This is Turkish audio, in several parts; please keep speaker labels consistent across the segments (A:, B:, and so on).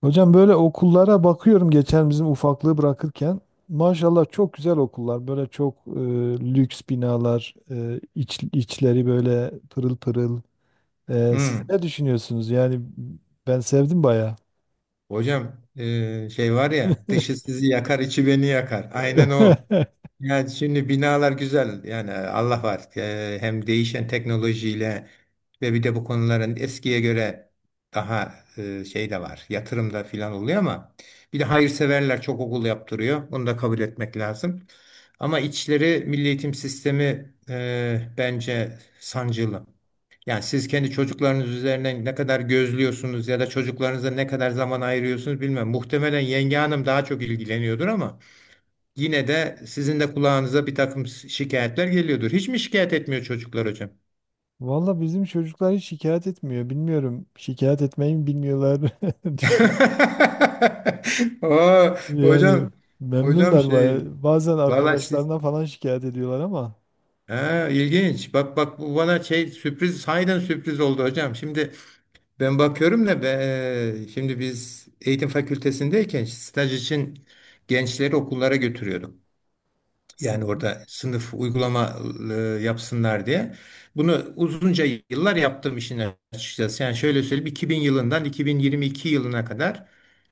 A: Hocam böyle okullara bakıyorum geçen bizim ufaklığı bırakırken. Maşallah çok güzel okullar. Böyle çok lüks binalar, içleri böyle pırıl pırıl. Siz
B: Hmm.
A: ne düşünüyorsunuz? Yani ben sevdim baya.
B: Hocam şey var ya dışı sizi yakar içi beni yakar. Aynen o. Yani şimdi binalar güzel, yani Allah var. Hem değişen teknolojiyle ve bir de bu konuların eskiye göre daha şey de var, yatırım da filan oluyor ama bir de hayırseverler çok okul yaptırıyor, bunu da kabul etmek lazım. Ama içleri, milli eğitim sistemi, bence sancılı. Yani siz kendi çocuklarınız üzerinden ne kadar gözlüyorsunuz ya da çocuklarınıza ne kadar zaman ayırıyorsunuz bilmem. Muhtemelen yenge hanım daha çok ilgileniyordur ama yine de sizin de kulağınıza bir takım şikayetler geliyordur. Hiç mi şikayet etmiyor çocuklar hocam?
A: Valla bizim çocuklar hiç şikayet etmiyor. Bilmiyorum şikayet etmeyi mi bilmiyorlar. Düşün.
B: Oo,
A: Yani
B: hocam, hocam
A: memnunlar
B: şey
A: baya. Bazen
B: vallahi siz,
A: arkadaşlarına falan şikayet ediyorlar ama.
B: ha, ilginç. Bak, bu bana şey, sürpriz, sahiden sürpriz oldu hocam. Şimdi ben bakıyorum da be, şimdi biz eğitim fakültesindeyken staj için gençleri okullara götürüyorduk.
A: Hı
B: Yani
A: hı.
B: orada sınıf uygulama e, yapsınlar diye. Bunu uzunca yıllar yaptım işin açıkçası. Yani şöyle söyleyeyim, 2000 yılından 2022 yılına kadar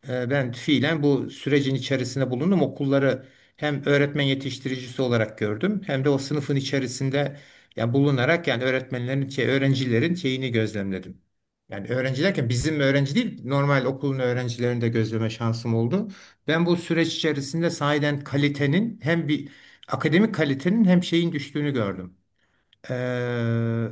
B: ben fiilen bu sürecin içerisinde bulundum. Okulları hem öğretmen yetiştiricisi olarak gördüm hem de o sınıfın içerisinde yani bulunarak, yani öğretmenlerin şey, öğrencilerin şeyini gözlemledim. Yani öğrenci derken bizim öğrenci değil, normal okulun öğrencilerini de gözleme şansım oldu. Ben bu süreç içerisinde sahiden kalitenin, hem bir akademik kalitenin hem şeyin düştüğünü gördüm. Ee,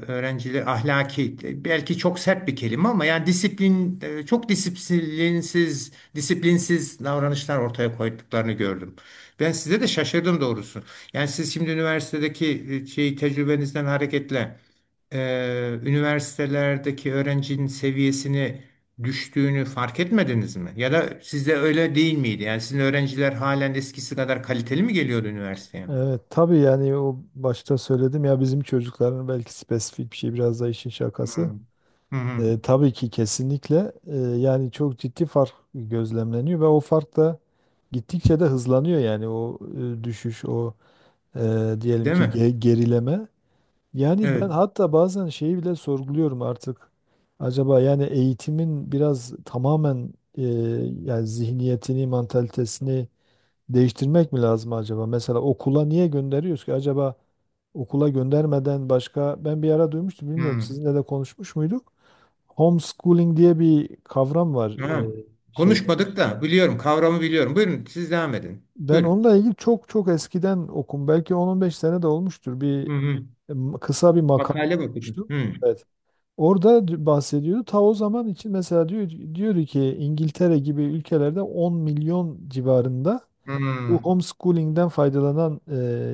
B: öğrenciler ahlaki, belki çok sert bir kelime ama, yani disiplin, çok disiplinsiz, davranışlar ortaya koyduklarını gördüm. Ben size de şaşırdım doğrusu. Yani siz şimdi üniversitedeki şey, tecrübenizden hareketle üniversitelerdeki öğrencinin seviyesini düştüğünü fark etmediniz mi? Ya da sizde öyle değil miydi? Yani sizin öğrenciler halen eskisi kadar kaliteli mi geliyordu üniversiteye?
A: Evet, tabii yani o başta söyledim ya bizim çocukların belki spesifik bir şey biraz da işin şakası.
B: Hmm. Hı hı.
A: Tabii ki kesinlikle yani çok ciddi fark gözlemleniyor ve o fark da gittikçe de hızlanıyor yani o düşüş o diyelim
B: Değil
A: ki
B: mi?
A: gerileme. Yani ben
B: Evet.
A: hatta bazen şeyi bile sorguluyorum artık. Acaba yani eğitimin biraz tamamen e, yani zihniyetini, mantalitesini değiştirmek mi lazım acaba? Mesela okula niye gönderiyoruz ki? Acaba okula göndermeden başka ben bir ara duymuştum bilmiyorum
B: Hmm.
A: sizinle de konuşmuş muyduk? Homeschooling diye bir kavram var.
B: Ha.
A: Şey,
B: Konuşmadık da biliyorum, kavramı biliyorum. Buyurun siz devam edin.
A: Ben
B: Buyurun.
A: onunla ilgili çok çok eskiden okum. Belki 10-15 sene de olmuştur. Bir
B: Hı hı.
A: kısa bir makale
B: Makale, bakın.
A: okumuştum.
B: Hı.
A: Evet. Orada bahsediyordu. Ta o zaman için mesela diyor ki İngiltere gibi ülkelerde 10 milyon civarında
B: Hı.
A: bu homeschooling'den faydalanan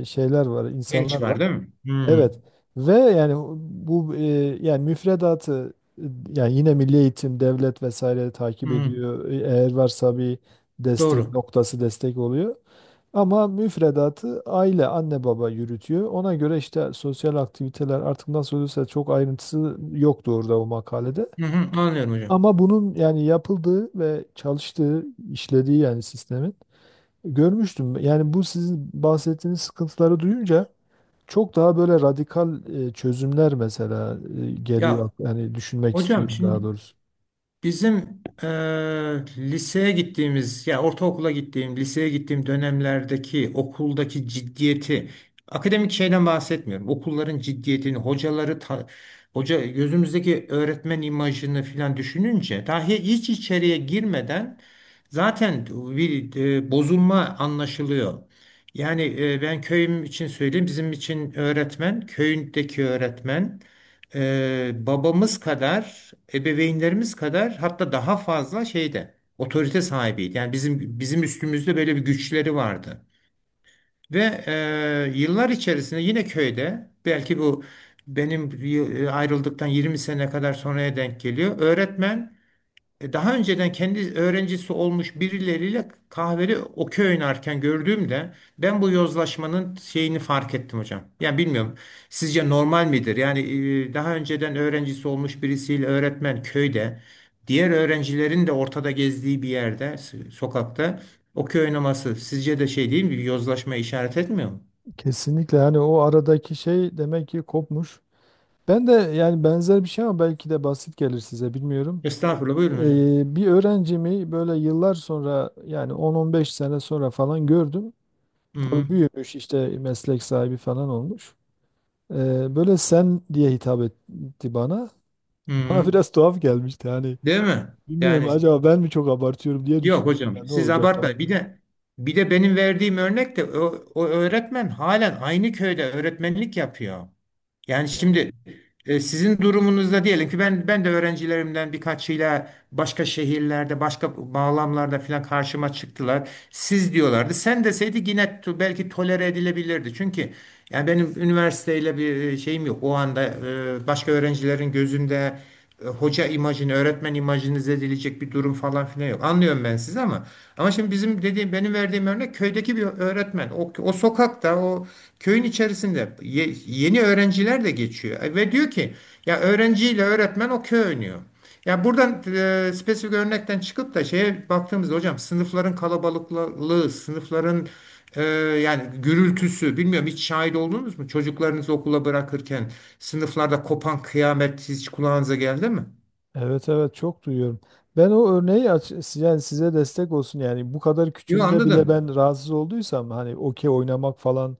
A: şeyler var,
B: Genç
A: insanlar var.
B: var değil mi? Hı.
A: Evet. Ve yani bu yani müfredatı yani yine Milli Eğitim, devlet vesaire takip
B: Hı.
A: ediyor. Eğer varsa bir destek
B: Doğru.
A: noktası destek oluyor. Ama müfredatı aile, anne baba yürütüyor. Ona göre işte sosyal aktiviteler artık nasıl oluyorsa çok ayrıntısı yoktu orada o makalede.
B: Hı hı. Anlıyorum hocam.
A: Ama bunun yani yapıldığı ve çalıştığı, işlediği yani sistemin görmüştüm. Yani bu sizin bahsettiğiniz sıkıntıları duyunca çok daha böyle radikal çözümler mesela geliyor.
B: Ya
A: Yani düşünmek
B: hocam,
A: istiyorum daha
B: şimdi
A: doğrusu.
B: bizim liseye gittiğimiz, ya ortaokula gittiğim, liseye gittiğim dönemlerdeki okuldaki ciddiyeti, akademik şeyden bahsetmiyorum, okulların ciddiyetini, hocaları, hoca, gözümüzdeki öğretmen imajını filan düşününce, dahi hiç içeriye girmeden zaten bir bozulma anlaşılıyor. Yani ben köyüm için söyleyeyim, bizim için öğretmen, köyündeki öğretmen, babamız kadar, ebeveynlerimiz kadar, hatta daha fazla şeyde, otorite sahibiydi. Yani bizim üstümüzde böyle bir güçleri vardı. Ve yıllar içerisinde yine köyde, belki bu benim ayrıldıktan 20 sene kadar sonraya denk geliyor. Öğretmen, daha önceden kendi öğrencisi olmuş birileriyle kahveli okey oynarken gördüğümde ben bu yozlaşmanın şeyini fark ettim hocam. Yani bilmiyorum, sizce normal midir? Yani daha önceden öğrencisi olmuş birisiyle öğretmen, köyde diğer öğrencilerin de ortada gezdiği bir yerde, sokakta okey oynaması sizce de şey değil mi? Bir yozlaşma işaret etmiyor mu?
A: Kesinlikle hani o aradaki şey demek ki kopmuş. Ben de yani benzer bir şey ama belki de basit gelir size bilmiyorum.
B: Estağfurullah, buyurun hocam.
A: Bir öğrencimi böyle yıllar sonra yani 10-15 sene sonra falan gördüm.
B: Hı
A: Tabii
B: hı.
A: büyümüş işte meslek sahibi falan olmuş. Böyle sen diye hitap etti bana.
B: Hı
A: Bana
B: hı.
A: biraz tuhaf gelmişti hani.
B: Değil mi?
A: Bilmiyorum
B: Yani,
A: acaba ben mi çok abartıyorum diye
B: yok
A: düşünmüştüm.
B: hocam,
A: Ya ne
B: siz
A: olacak falan,
B: abartmayın. Bir
A: dedim.
B: de bir de benim verdiğim örnek de o, o öğretmen halen aynı köyde öğretmenlik yapıyor. Yani
A: Lan.
B: şimdi sizin durumunuzda, diyelim ki, ben de öğrencilerimden birkaçıyla başka şehirlerde, başka bağlamlarda falan karşıma çıktılar. Siz diyorlardı. Sen deseydi yine belki tolere edilebilirdi. Çünkü yani benim üniversiteyle bir şeyim yok. O anda başka öğrencilerin gözünde hoca imajını, öğretmen imajını zedileyecek bir durum falan filan yok. Anlıyorum ben sizi, ama şimdi bizim dediğim, benim verdiğim örnek, köydeki bir öğretmen. O, o sokakta, o köyün içerisinde yeni öğrenciler de geçiyor. Ve diyor ki, ya öğrenciyle öğretmen, o köy oynuyor. Ya buradan spesifik örnekten çıkıp da şeye baktığımızda hocam, sınıfların kalabalıklığı, sınıfların ee, yani gürültüsü, bilmiyorum, hiç şahit oldunuz mu? Çocuklarınızı okula bırakırken sınıflarda kopan kıyamet hiç kulağınıza geldi mi?
A: Evet, evet, çok duyuyorum. Ben o örneği yani size destek olsun yani bu kadar
B: Yo,
A: küçüğünde bile
B: anladım.
A: ben rahatsız olduysam hani okey oynamak falan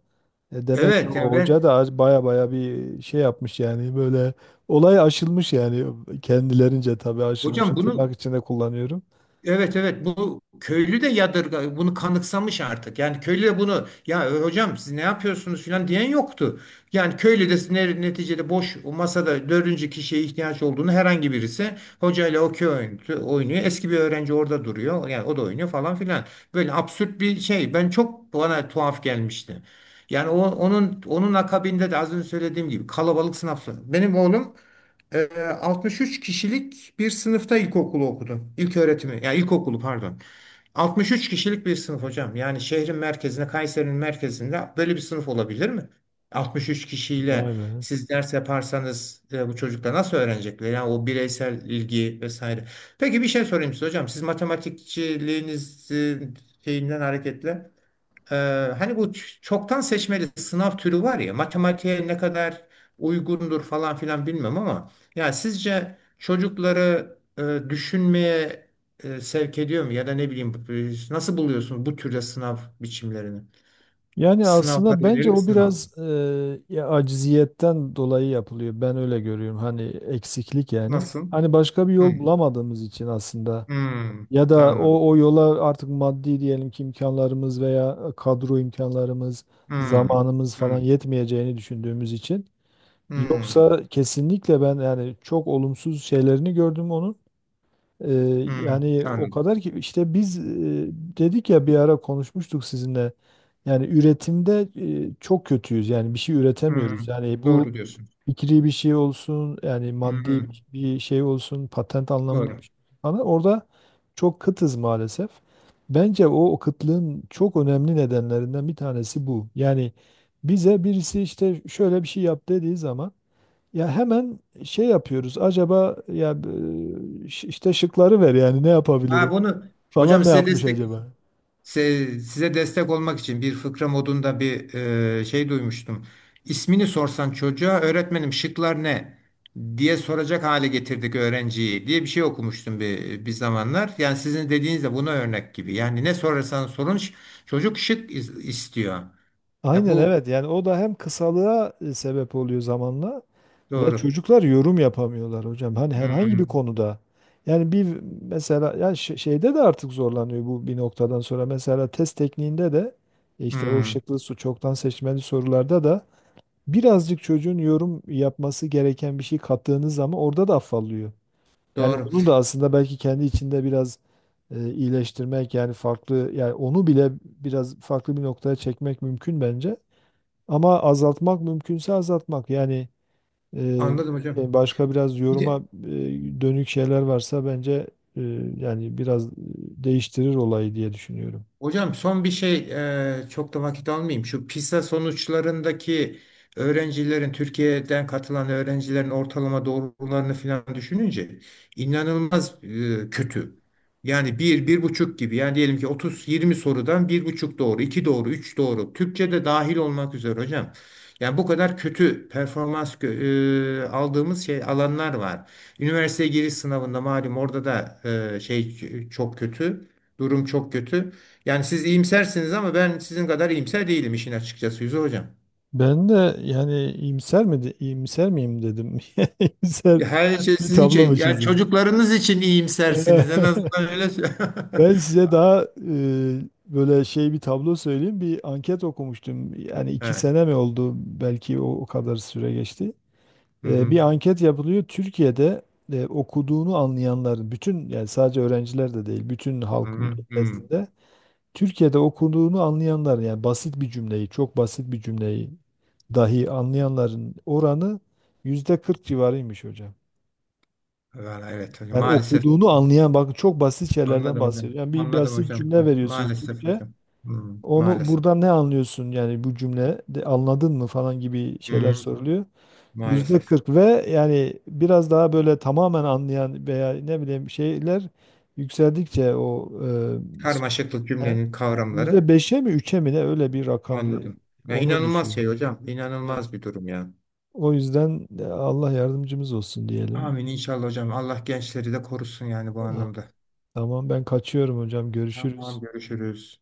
A: demek ki
B: Evet,
A: o
B: yani
A: hoca
B: ben,
A: da baya baya bir şey yapmış yani böyle olay aşılmış yani kendilerince tabii aşılmışı
B: hocam
A: tırnak
B: bunu
A: içinde kullanıyorum.
B: evet, evet, bu köylü de yadırga, bunu kanıksamış artık. Yani köylü de bunu, ya hocam siz ne yapıyorsunuz filan diyen yoktu. Yani köylü de, neticede boş, o masada dördüncü kişiye ihtiyaç olduğunu, herhangi birisi hocayla okey oynuyor. Eski bir öğrenci orada duruyor. Yani o da oynuyor falan filan. Böyle absürt bir şey. Ben çok, bana tuhaf gelmişti. Yani o, onun akabinde de az önce söylediğim gibi kalabalık sınav. Benim oğlum, ee, 63 kişilik bir sınıfta ilkokulu okudum. İlk öğretimi, ya ilkokulu, pardon. 63 kişilik bir sınıf hocam. Yani şehrin merkezinde, Kayseri'nin merkezinde böyle bir sınıf olabilir mi? 63
A: Vay
B: kişiyle
A: be.
B: siz ders yaparsanız bu çocuklar nasıl öğrenecekler? Yani o bireysel ilgi vesaire. Peki bir şey sorayım size hocam. Siz matematikçiliğiniz, şeyinden hareketle. Ee, hani bu çoktan seçmeli sınav türü var ya, matematiğe ne kadar uygundur falan filan bilmem ama, ya sizce çocukları düşünmeye sevk ediyor mu, ya da ne bileyim, nasıl buluyorsun bu türde sınav biçimlerini?
A: Yani
B: Sınavlar,
A: aslında bence
B: yönelik
A: o
B: sınav.
A: biraz ya aciziyetten dolayı yapılıyor. Ben öyle görüyorum. Hani eksiklik yani.
B: Nasıl?
A: Hani başka bir yol
B: Hmm.
A: bulamadığımız için aslında
B: Hmm.
A: ya da
B: Anladım.
A: o yola artık maddi diyelim ki imkanlarımız veya kadro imkanlarımız,
B: Hmm.
A: zamanımız falan
B: Hmm.
A: yetmeyeceğini düşündüğümüz için.
B: Hmm.
A: Yoksa kesinlikle ben yani çok olumsuz şeylerini gördüm onun. Ee,
B: Hmm.
A: Yani o
B: Anladım.
A: kadar ki işte biz dedik ya bir ara konuşmuştuk sizinle. Yani üretimde çok kötüyüz. Yani bir şey üretemiyoruz.
B: Hmm.
A: Yani bu
B: Doğru diyorsun.
A: fikri bir şey olsun, yani maddi
B: Hmm.
A: bir şey olsun, patent anlamında
B: Doğru.
A: bir şey falan. Orada çok kıtız maalesef. Bence o kıtlığın çok önemli nedenlerinden bir tanesi bu. Yani bize birisi işte şöyle bir şey yap dediği zaman ya hemen şey yapıyoruz. Acaba ya işte şıkları ver yani ne
B: Ha,
A: yapabilirim
B: bunu
A: falan
B: hocam
A: ne
B: size
A: yapmış
B: destek
A: acaba?
B: Se- Size destek olmak için bir fıkra modunda bir şey duymuştum. İsmini sorsan çocuğa, öğretmenim şıklar ne diye soracak hale getirdik öğrenciyi, diye bir şey okumuştum bir, bir zamanlar. Yani sizin dediğiniz de buna örnek gibi. Yani ne sorarsan sorun, çocuk şık istiyor. Ya
A: Aynen
B: bu
A: evet yani o da hem kısalığa sebep oluyor zamanla ve
B: doğru.
A: çocuklar yorum yapamıyorlar hocam. Hani herhangi bir
B: Hmm,
A: konuda yani bir mesela ya şeyde de artık zorlanıyor bu bir noktadan sonra. Mesela test tekniğinde de işte o
B: hmm,
A: şıklı su çoktan seçmeli sorularda da birazcık çocuğun yorum yapması gereken bir şey kattığınız zaman orada da affallıyor. Yani
B: doğru.
A: onu da aslında belki kendi içinde biraz iyileştirmek yani farklı yani onu bile biraz farklı bir noktaya çekmek mümkün bence. Ama azaltmak mümkünse azaltmak yani e,
B: Anladım hocam.
A: başka biraz
B: Bir
A: yoruma
B: de,
A: e, dönük şeyler varsa bence e, yani biraz değiştirir olayı diye düşünüyorum.
B: hocam son bir şey, çok da vakit almayayım. Şu PISA sonuçlarındaki öğrencilerin, Türkiye'den katılan öğrencilerin ortalama doğrularını falan düşününce inanılmaz kötü. Yani bir, bir buçuk gibi. Yani diyelim ki 30-20 sorudan bir buçuk doğru, iki doğru, üç doğru. Türkçe de dahil olmak üzere hocam. Yani bu kadar kötü performans aldığımız şey, alanlar var. Üniversiteye giriş sınavında malum, orada da şey, çok kötü. Durum çok kötü. Yani siz iyimsersiniz ama ben sizin kadar iyimser değilim işin açıkçası, Yüzü Hocam.
A: Ben de yani iyimser miyim dedim. İyimser
B: Ya her, evet, şey
A: bir
B: sizin
A: tablo
B: şey.
A: mu
B: Yani
A: çizdim?
B: çocuklarınız için iyimsersiniz. En azından öyle.
A: Ben size daha böyle şey bir tablo söyleyeyim. Bir anket okumuştum. Yani iki
B: Evet.
A: sene mi oldu? Belki o kadar süre geçti.
B: Hı
A: E,
B: hı.
A: bir anket yapılıyor. Türkiye'de okuduğunu anlayanların, bütün yani sadece öğrenciler de değil, bütün
B: Hı
A: halk
B: hı. Hı.
A: nezdinde Türkiye'de okuduğunu anlayanların yani basit bir cümleyi, çok basit bir cümleyi dahi anlayanların oranı yüzde 40 civarıymış hocam.
B: Vallahi evet hocam.
A: Yani
B: Maalesef.
A: okuduğunu anlayan, bakın çok basit şeylerden
B: Anladım hocam.
A: bahsediyor. Yani bir
B: Anladım
A: basit
B: hocam.
A: cümle veriyorsunuz
B: Maalesef
A: Türkçe.
B: hocam. Hı.
A: Onu
B: Maalesef.
A: buradan ne anlıyorsun yani bu cümle de anladın mı falan gibi
B: Hı
A: şeyler
B: hı.
A: soruluyor. Yüzde
B: Maalesef.
A: 40 ve yani biraz daha böyle tamamen anlayan veya ne bileyim şeyler yükseldikçe o
B: Karmaşıklık,
A: e,
B: cümlenin
A: yüzde
B: kavramları.
A: 5'e mi 3'e mi ne öyle bir rakamdı.
B: Anladım. Ya
A: Ona
B: inanılmaz
A: düşüyor.
B: şey hocam.
A: Evet.
B: İnanılmaz bir durum ya.
A: O yüzden Allah yardımcımız olsun diyelim.
B: Amin inşallah hocam. Allah gençleri de korusun yani bu
A: Ha,
B: anlamda.
A: tamam ben kaçıyorum hocam
B: Tamam,
A: görüşürüz.
B: görüşürüz.